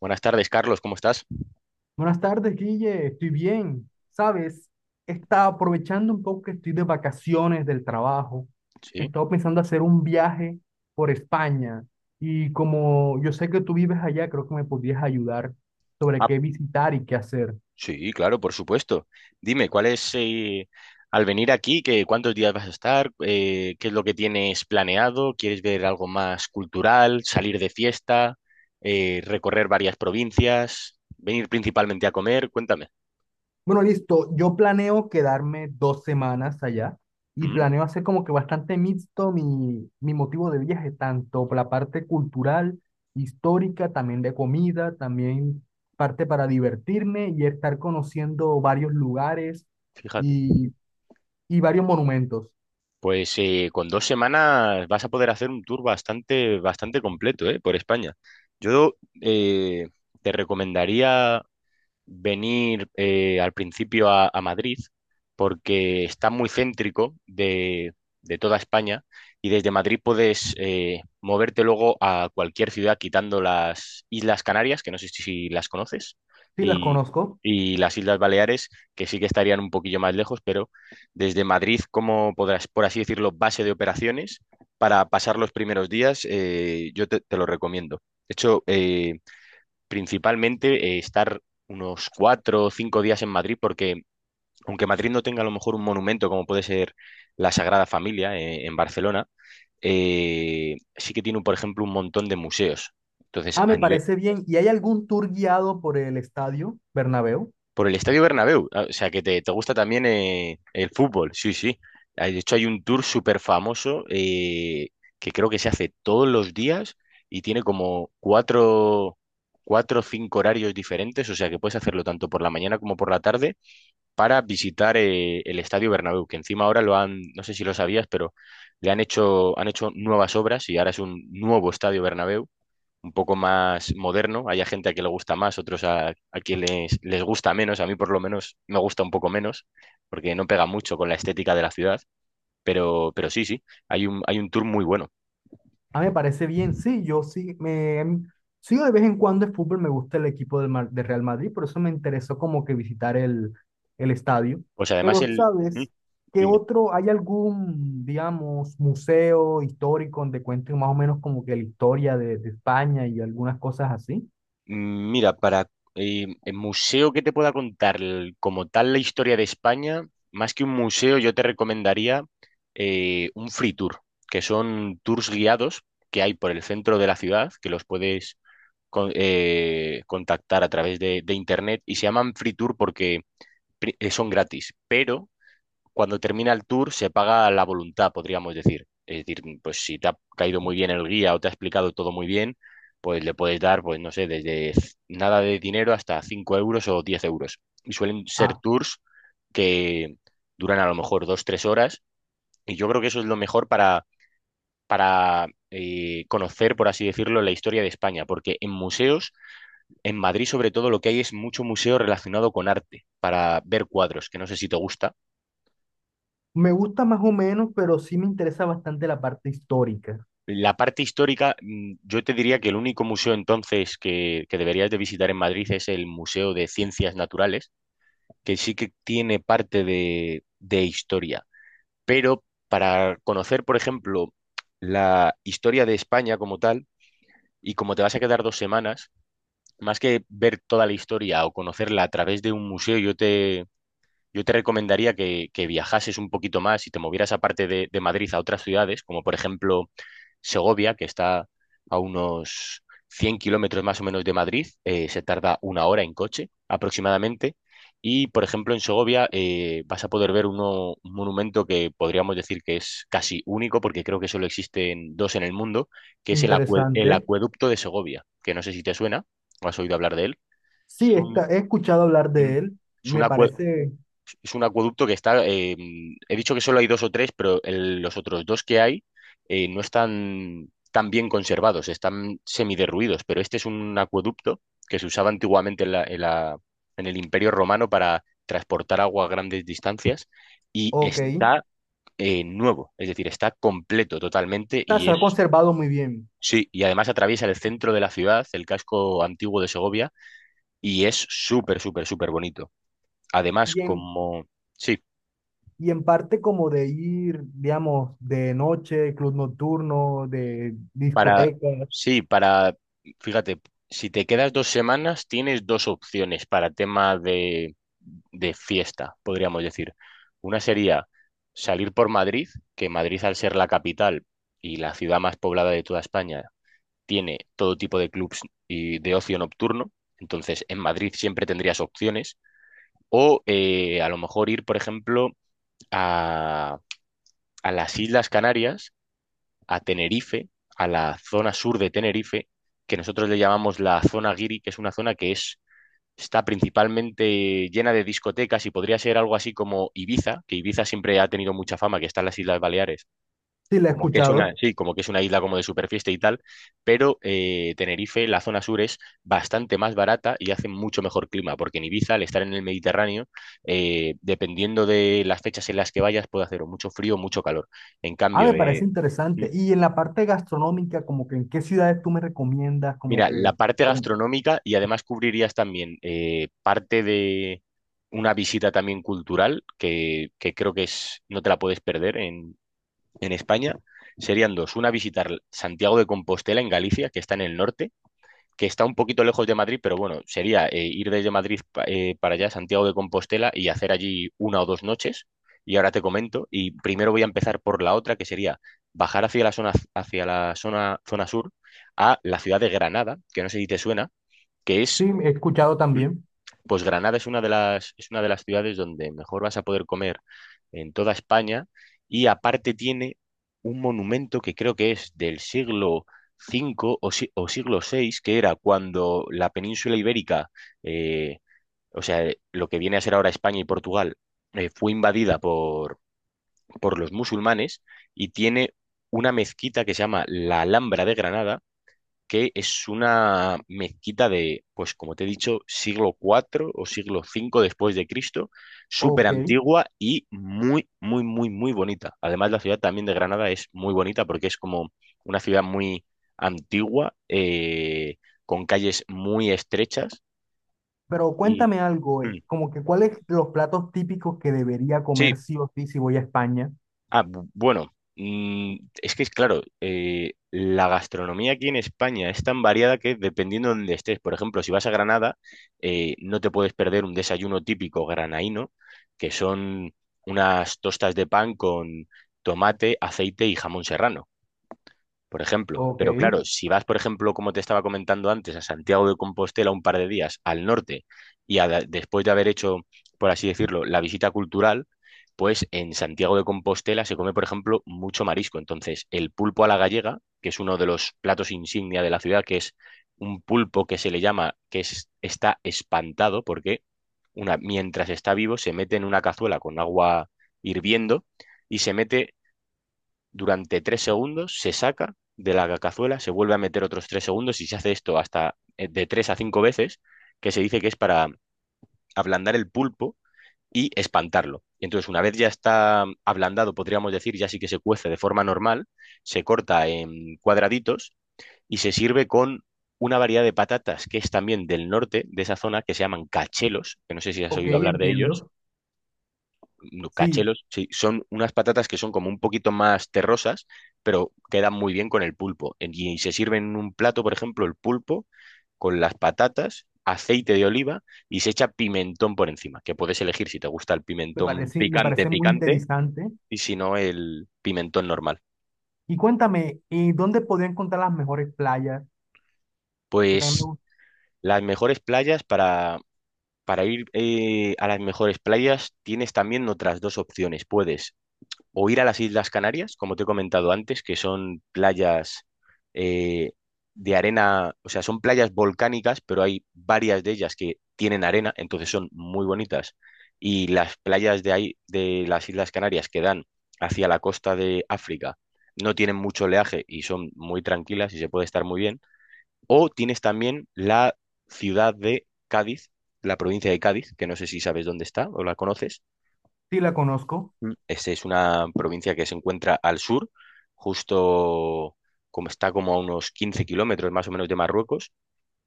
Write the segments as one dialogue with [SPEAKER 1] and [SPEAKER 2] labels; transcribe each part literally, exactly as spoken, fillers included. [SPEAKER 1] Buenas tardes, Carlos, ¿cómo estás?
[SPEAKER 2] Buenas tardes, Guille. Estoy bien. ¿Sabes? Está aprovechando un poco que estoy de vacaciones del trabajo. He
[SPEAKER 1] Sí.
[SPEAKER 2] estado pensando hacer un viaje por España. Y como yo sé que tú vives allá, creo que me podrías ayudar sobre
[SPEAKER 1] Ah,
[SPEAKER 2] qué visitar y qué hacer.
[SPEAKER 1] sí, claro, por supuesto. Dime, ¿cuál es, eh, al venir aquí, que, cuántos días vas a estar? Eh, ¿qué es lo que tienes planeado? ¿Quieres ver algo más cultural, salir de fiesta, eh, recorrer varias provincias, venir principalmente a comer? Cuéntame.
[SPEAKER 2] Bueno, listo. Yo planeo quedarme dos semanas allá y
[SPEAKER 1] Mm,
[SPEAKER 2] planeo hacer como que bastante mixto mi, mi motivo de viaje, tanto por la parte cultural, histórica, también de comida, también parte para divertirme y estar conociendo varios lugares
[SPEAKER 1] Fíjate.
[SPEAKER 2] y, y varios monumentos.
[SPEAKER 1] Pues eh, con dos semanas vas a poder hacer un tour bastante, bastante completo, eh, por España. Yo eh, te recomendaría venir eh, al principio a, a Madrid porque está muy céntrico de, de toda España, y desde Madrid puedes eh, moverte luego a cualquier ciudad quitando las Islas Canarias, que no sé si si las conoces,
[SPEAKER 2] Sí, las
[SPEAKER 1] y,
[SPEAKER 2] conozco.
[SPEAKER 1] y las Islas Baleares, que sí que estarían un poquillo más lejos, pero desde Madrid, como podrás, por así decirlo, base de operaciones, para pasar los primeros días, eh, yo te, te lo recomiendo. De hecho, eh, principalmente eh, estar unos cuatro o cinco días en Madrid, porque aunque Madrid no tenga a lo mejor un monumento como puede ser la Sagrada Familia eh, en Barcelona, eh, sí que tiene, por ejemplo, un montón de museos. Entonces,
[SPEAKER 2] Ah,
[SPEAKER 1] a
[SPEAKER 2] me
[SPEAKER 1] nivel,
[SPEAKER 2] parece bien. ¿Y hay algún tour guiado por el estadio Bernabéu?
[SPEAKER 1] por el Estadio Bernabéu, ah, o sea que te, te gusta también eh, el fútbol, sí, sí. Ah, de hecho, hay un tour súper famoso eh, que creo que se hace todos los días y tiene como cuatro, cuatro o cinco horarios diferentes, o sea que puedes hacerlo tanto por la mañana como por la tarde para visitar eh, el Estadio Bernabéu, que encima ahora lo han, no sé si lo sabías, pero le han hecho, han hecho nuevas obras y ahora es un nuevo Estadio Bernabéu, un poco más moderno. Hay a gente a que le gusta más, otros a, a quien les, les gusta menos. A mí por lo menos me gusta un poco menos, porque no pega mucho con la estética de la ciudad, pero, pero sí, sí, hay un, hay un tour muy bueno.
[SPEAKER 2] Ah, me parece bien, sí, yo sí, me, sigo de vez en cuando el fútbol, me gusta el equipo del, Mar- de Real Madrid, por eso me interesó como que visitar el, el estadio.
[SPEAKER 1] Pues además
[SPEAKER 2] Pero,
[SPEAKER 1] el... ¿Mm?
[SPEAKER 2] ¿sabes qué
[SPEAKER 1] Dime.
[SPEAKER 2] otro, hay algún, digamos, museo histórico donde cuenten más o menos como que la historia de, de España y algunas cosas así?
[SPEAKER 1] Mm, Mira, para eh, el museo que te pueda contar el- como tal la historia de España, más que un museo, yo te recomendaría eh, un free tour, que son tours guiados que hay por el centro de la ciudad, que los puedes con- eh, contactar a través de, de internet, y se llaman free tour porque pri- eh, son gratis, pero cuando termina el tour se paga la voluntad, podríamos decir. Es decir, pues si te ha caído muy bien el guía o te ha explicado todo muy bien, pues le puedes dar, pues no sé, desde c- nada de dinero hasta cinco euros o diez euros. Y suelen ser
[SPEAKER 2] Ah,
[SPEAKER 1] tours que duran a lo mejor dos, tres horas. Y yo creo que eso es lo mejor para, para eh, conocer, por así decirlo, la historia de España. Porque en museos, en Madrid sobre todo, lo que hay es mucho museo relacionado con arte, para ver cuadros, que no sé si te gusta.
[SPEAKER 2] me gusta más o menos, pero sí me interesa bastante la parte histórica.
[SPEAKER 1] La parte histórica, mm, yo te diría que el único museo entonces que, que deberías de visitar en Madrid es el Museo de Ciencias Naturales, que sí que tiene parte de, de historia. Pero para conocer, por ejemplo, la historia de España como tal, y como te vas a quedar dos semanas, más que ver toda la historia o conocerla a través de un museo, yo te, yo te recomendaría que, que viajases un poquito más y te movieras aparte de, de Madrid, a otras ciudades, como por ejemplo Segovia, que está a unos cien kilómetros más o menos de Madrid, eh, se tarda una hora en coche aproximadamente. Y, por ejemplo, en Segovia eh, vas a poder ver uno- un monumento que podríamos decir que es casi único, porque creo que solo existen dos en el mundo, que es el, acue- el
[SPEAKER 2] Interesante.
[SPEAKER 1] acueducto de Segovia, que no sé si te suena o has oído hablar de él. Es
[SPEAKER 2] Sí, está,
[SPEAKER 1] un,
[SPEAKER 2] he escuchado hablar
[SPEAKER 1] mm,
[SPEAKER 2] de él,
[SPEAKER 1] es un
[SPEAKER 2] me
[SPEAKER 1] acue-
[SPEAKER 2] parece,
[SPEAKER 1] es un acueducto que está, eh, he dicho que solo hay dos o tres, pero el- los otros dos que hay eh, no están tan bien conservados, están semiderruidos, pero este es un acueducto que se usaba antiguamente en la- en la- en el Imperio Romano para transportar agua a grandes distancias, y
[SPEAKER 2] ok,
[SPEAKER 1] está eh, nuevo, es decir, está completo totalmente
[SPEAKER 2] está-
[SPEAKER 1] y
[SPEAKER 2] se ha
[SPEAKER 1] es,
[SPEAKER 2] conservado muy bien.
[SPEAKER 1] sí, y además atraviesa el centro de la ciudad, el casco antiguo de Segovia, y es súper, súper, súper bonito. Además,
[SPEAKER 2] Y en,
[SPEAKER 1] como... Sí,
[SPEAKER 2] y en parte como de ir, digamos, de noche, club nocturno, de
[SPEAKER 1] para,
[SPEAKER 2] discotecas,
[SPEAKER 1] sí, para, fíjate, si te quedas dos semanas, tienes dos opciones para tema de, de fiesta, podríamos decir. Una sería salir por Madrid, que Madrid, al ser la capital y la ciudad más poblada de toda España, tiene todo tipo de clubs y de ocio nocturno. Entonces, en Madrid siempre tendrías opciones. O eh, a lo mejor ir, por ejemplo, a, a las Islas Canarias, a Tenerife, a la zona sur de Tenerife, que nosotros le llamamos la zona guiri, que es una zona que es, está principalmente llena de discotecas y podría ser algo así como Ibiza, que Ibiza siempre ha tenido mucha fama, que está en las Islas Baleares,
[SPEAKER 2] sí la he
[SPEAKER 1] como que es una,
[SPEAKER 2] escuchado.
[SPEAKER 1] sí, como que es una isla como de superfiesta y tal, pero eh, Tenerife, la zona sur, es bastante más barata y hace mucho mejor clima, porque en Ibiza, al estar en el Mediterráneo, eh, dependiendo de las fechas en las que vayas, puede hacer o mucho frío o mucho calor. En
[SPEAKER 2] Ah,
[SPEAKER 1] cambio,
[SPEAKER 2] me parece
[SPEAKER 1] eh,
[SPEAKER 2] interesante. Y en la parte gastronómica, como que en qué ciudades tú me recomiendas, como
[SPEAKER 1] mira,
[SPEAKER 2] que
[SPEAKER 1] la parte
[SPEAKER 2] con-
[SPEAKER 1] gastronómica, y además cubrirías también eh, parte de una visita también cultural que, que creo que es, no te la puedes perder en, en España. Serían dos. Una, visitar Santiago de Compostela en Galicia, que está en el norte, que está un poquito lejos de Madrid, pero bueno, sería eh, ir desde Madrid pa- eh, para allá, Santiago de Compostela, y hacer allí una o dos noches. Y ahora te comento, y primero voy a empezar por la otra, que sería bajar hacia la zona, hacia la zona, zona sur, a la ciudad de Granada, que no sé si te suena, que es,
[SPEAKER 2] sí, he escuchado también.
[SPEAKER 1] pues Granada es una de las, es una de las ciudades donde mejor vas a poder comer en toda España, y aparte tiene un monumento que creo que es del siglo quinto o, si- o siglo sexto, que era cuando la península ibérica, eh, o sea, lo que viene a ser ahora España y Portugal, eh, fue invadida por, por los musulmanes, y tiene una mezquita que se llama la Alhambra de Granada, que es una mezquita de, pues como te he dicho, siglo cuatro o siglo cinco después de Cristo, súper
[SPEAKER 2] Ok,
[SPEAKER 1] antigua y muy, muy, muy, muy bonita. Además, la ciudad también de Granada es muy bonita porque es como una ciudad muy antigua, eh, con calles muy estrechas
[SPEAKER 2] pero
[SPEAKER 1] y...
[SPEAKER 2] cuéntame algo, eh,
[SPEAKER 1] Mm.
[SPEAKER 2] como que cuáles los platos típicos que debería comer
[SPEAKER 1] Sí.
[SPEAKER 2] sí o sí si voy a España.
[SPEAKER 1] Ah, bu- bueno, mm, es que es claro, eh, la gastronomía aquí en España es tan variada que dependiendo de dónde estés, por ejemplo, si vas a Granada, eh, no te puedes perder un desayuno típico granaíno, que son unas tostas de pan con tomate, aceite y jamón serrano, por ejemplo.
[SPEAKER 2] Ok,
[SPEAKER 1] Pero claro, si vas, por ejemplo, como te estaba comentando antes, a Santiago de Compostela un par de días al norte, y a- después de haber hecho, por así decirlo, la visita cultural, pues en Santiago de Compostela se come, por ejemplo, mucho marisco. Entonces, el pulpo a la gallega, que es uno de los platos insignia de la ciudad, que es un pulpo que se le llama, que es- está espantado, porque una, mientras está vivo, se mete en una cazuela con agua hirviendo y se mete durante tres segundos, se saca de la cazuela, se vuelve a meter otros tres segundos y se hace esto hasta eh, de tres a cinco veces, que se dice que es para ablandar el pulpo y espantarlo. Y entonces, una vez ya está ablandado, podríamos decir, ya sí que se cuece de forma normal, se corta en cuadraditos y se sirve con una variedad de patatas que es también del norte de esa zona, que se llaman cachelos, que no sé si has
[SPEAKER 2] ok,
[SPEAKER 1] oído hablar de ellos.
[SPEAKER 2] entiendo.
[SPEAKER 1] No,
[SPEAKER 2] Sí,
[SPEAKER 1] cachelos, sí, son unas patatas que son como un poquito más terrosas, pero quedan muy bien con el pulpo. En- Y se sirven en un plato, por ejemplo, el pulpo con las patatas, aceite de oliva, y se echa pimentón por encima, que puedes elegir si te gusta el
[SPEAKER 2] me
[SPEAKER 1] pimentón
[SPEAKER 2] parece, me
[SPEAKER 1] picante,
[SPEAKER 2] parece muy
[SPEAKER 1] picante,
[SPEAKER 2] interesante.
[SPEAKER 1] y si no, el pimentón normal.
[SPEAKER 2] Y cuéntame, ¿y dónde podría encontrar las mejores playas? Porque también me
[SPEAKER 1] Pues
[SPEAKER 2] gusta,
[SPEAKER 1] las mejores playas para... Para ir eh, a las mejores playas tienes también otras dos opciones. Puedes o ir a las Islas Canarias, como te he comentado antes, que son playas eh, de arena, o sea, son playas volcánicas, pero hay varias de ellas que tienen arena, entonces son muy bonitas. Y las playas de ahí, de las Islas Canarias, que dan hacia la costa de África, no tienen mucho oleaje y son muy tranquilas y se puede estar muy bien. O tienes también la ciudad de Cádiz, la provincia de Cádiz, que no sé si sabes dónde está o la conoces.
[SPEAKER 2] sí la conozco,
[SPEAKER 1] Mm. Este es una provincia que se encuentra al sur, justo, como está como a unos quince kilómetros más o menos de Marruecos,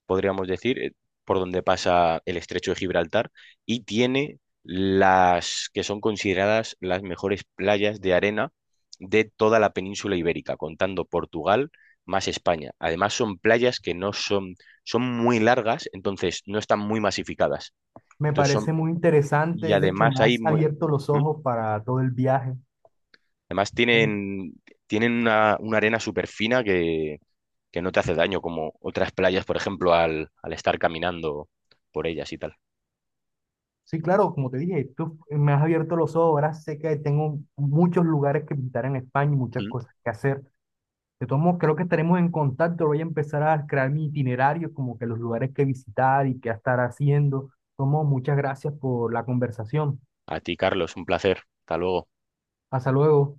[SPEAKER 1] podríamos decir, eh, por donde pasa el estrecho de Gibraltar, y tiene las que son consideradas las mejores playas de arena de toda la península ibérica, contando Portugal más España. Además, son playas que no son, son muy largas, entonces no están muy masificadas.
[SPEAKER 2] me
[SPEAKER 1] Entonces son,
[SPEAKER 2] parece muy
[SPEAKER 1] y
[SPEAKER 2] interesante, de hecho
[SPEAKER 1] además
[SPEAKER 2] me
[SPEAKER 1] hay
[SPEAKER 2] has
[SPEAKER 1] muy,
[SPEAKER 2] abierto los
[SPEAKER 1] ¿mm?
[SPEAKER 2] ojos para todo el viaje.
[SPEAKER 1] Además
[SPEAKER 2] Eh,
[SPEAKER 1] tienen, tienen una, una arena súper fina que, que no te hace daño, como otras playas, por ejemplo, al, al estar caminando por ellas y tal.
[SPEAKER 2] Sí, claro, como te dije, tú me has abierto los ojos, ahora sé que tengo muchos lugares que visitar en España y muchas
[SPEAKER 1] Mm.
[SPEAKER 2] cosas que hacer. De todos modos, creo que estaremos en contacto, voy a empezar a crear mi itinerario, como que los lugares que visitar y qué estar haciendo. Tomo, muchas gracias por la conversación.
[SPEAKER 1] A ti, Carlos, un placer. Hasta luego.
[SPEAKER 2] Hasta luego.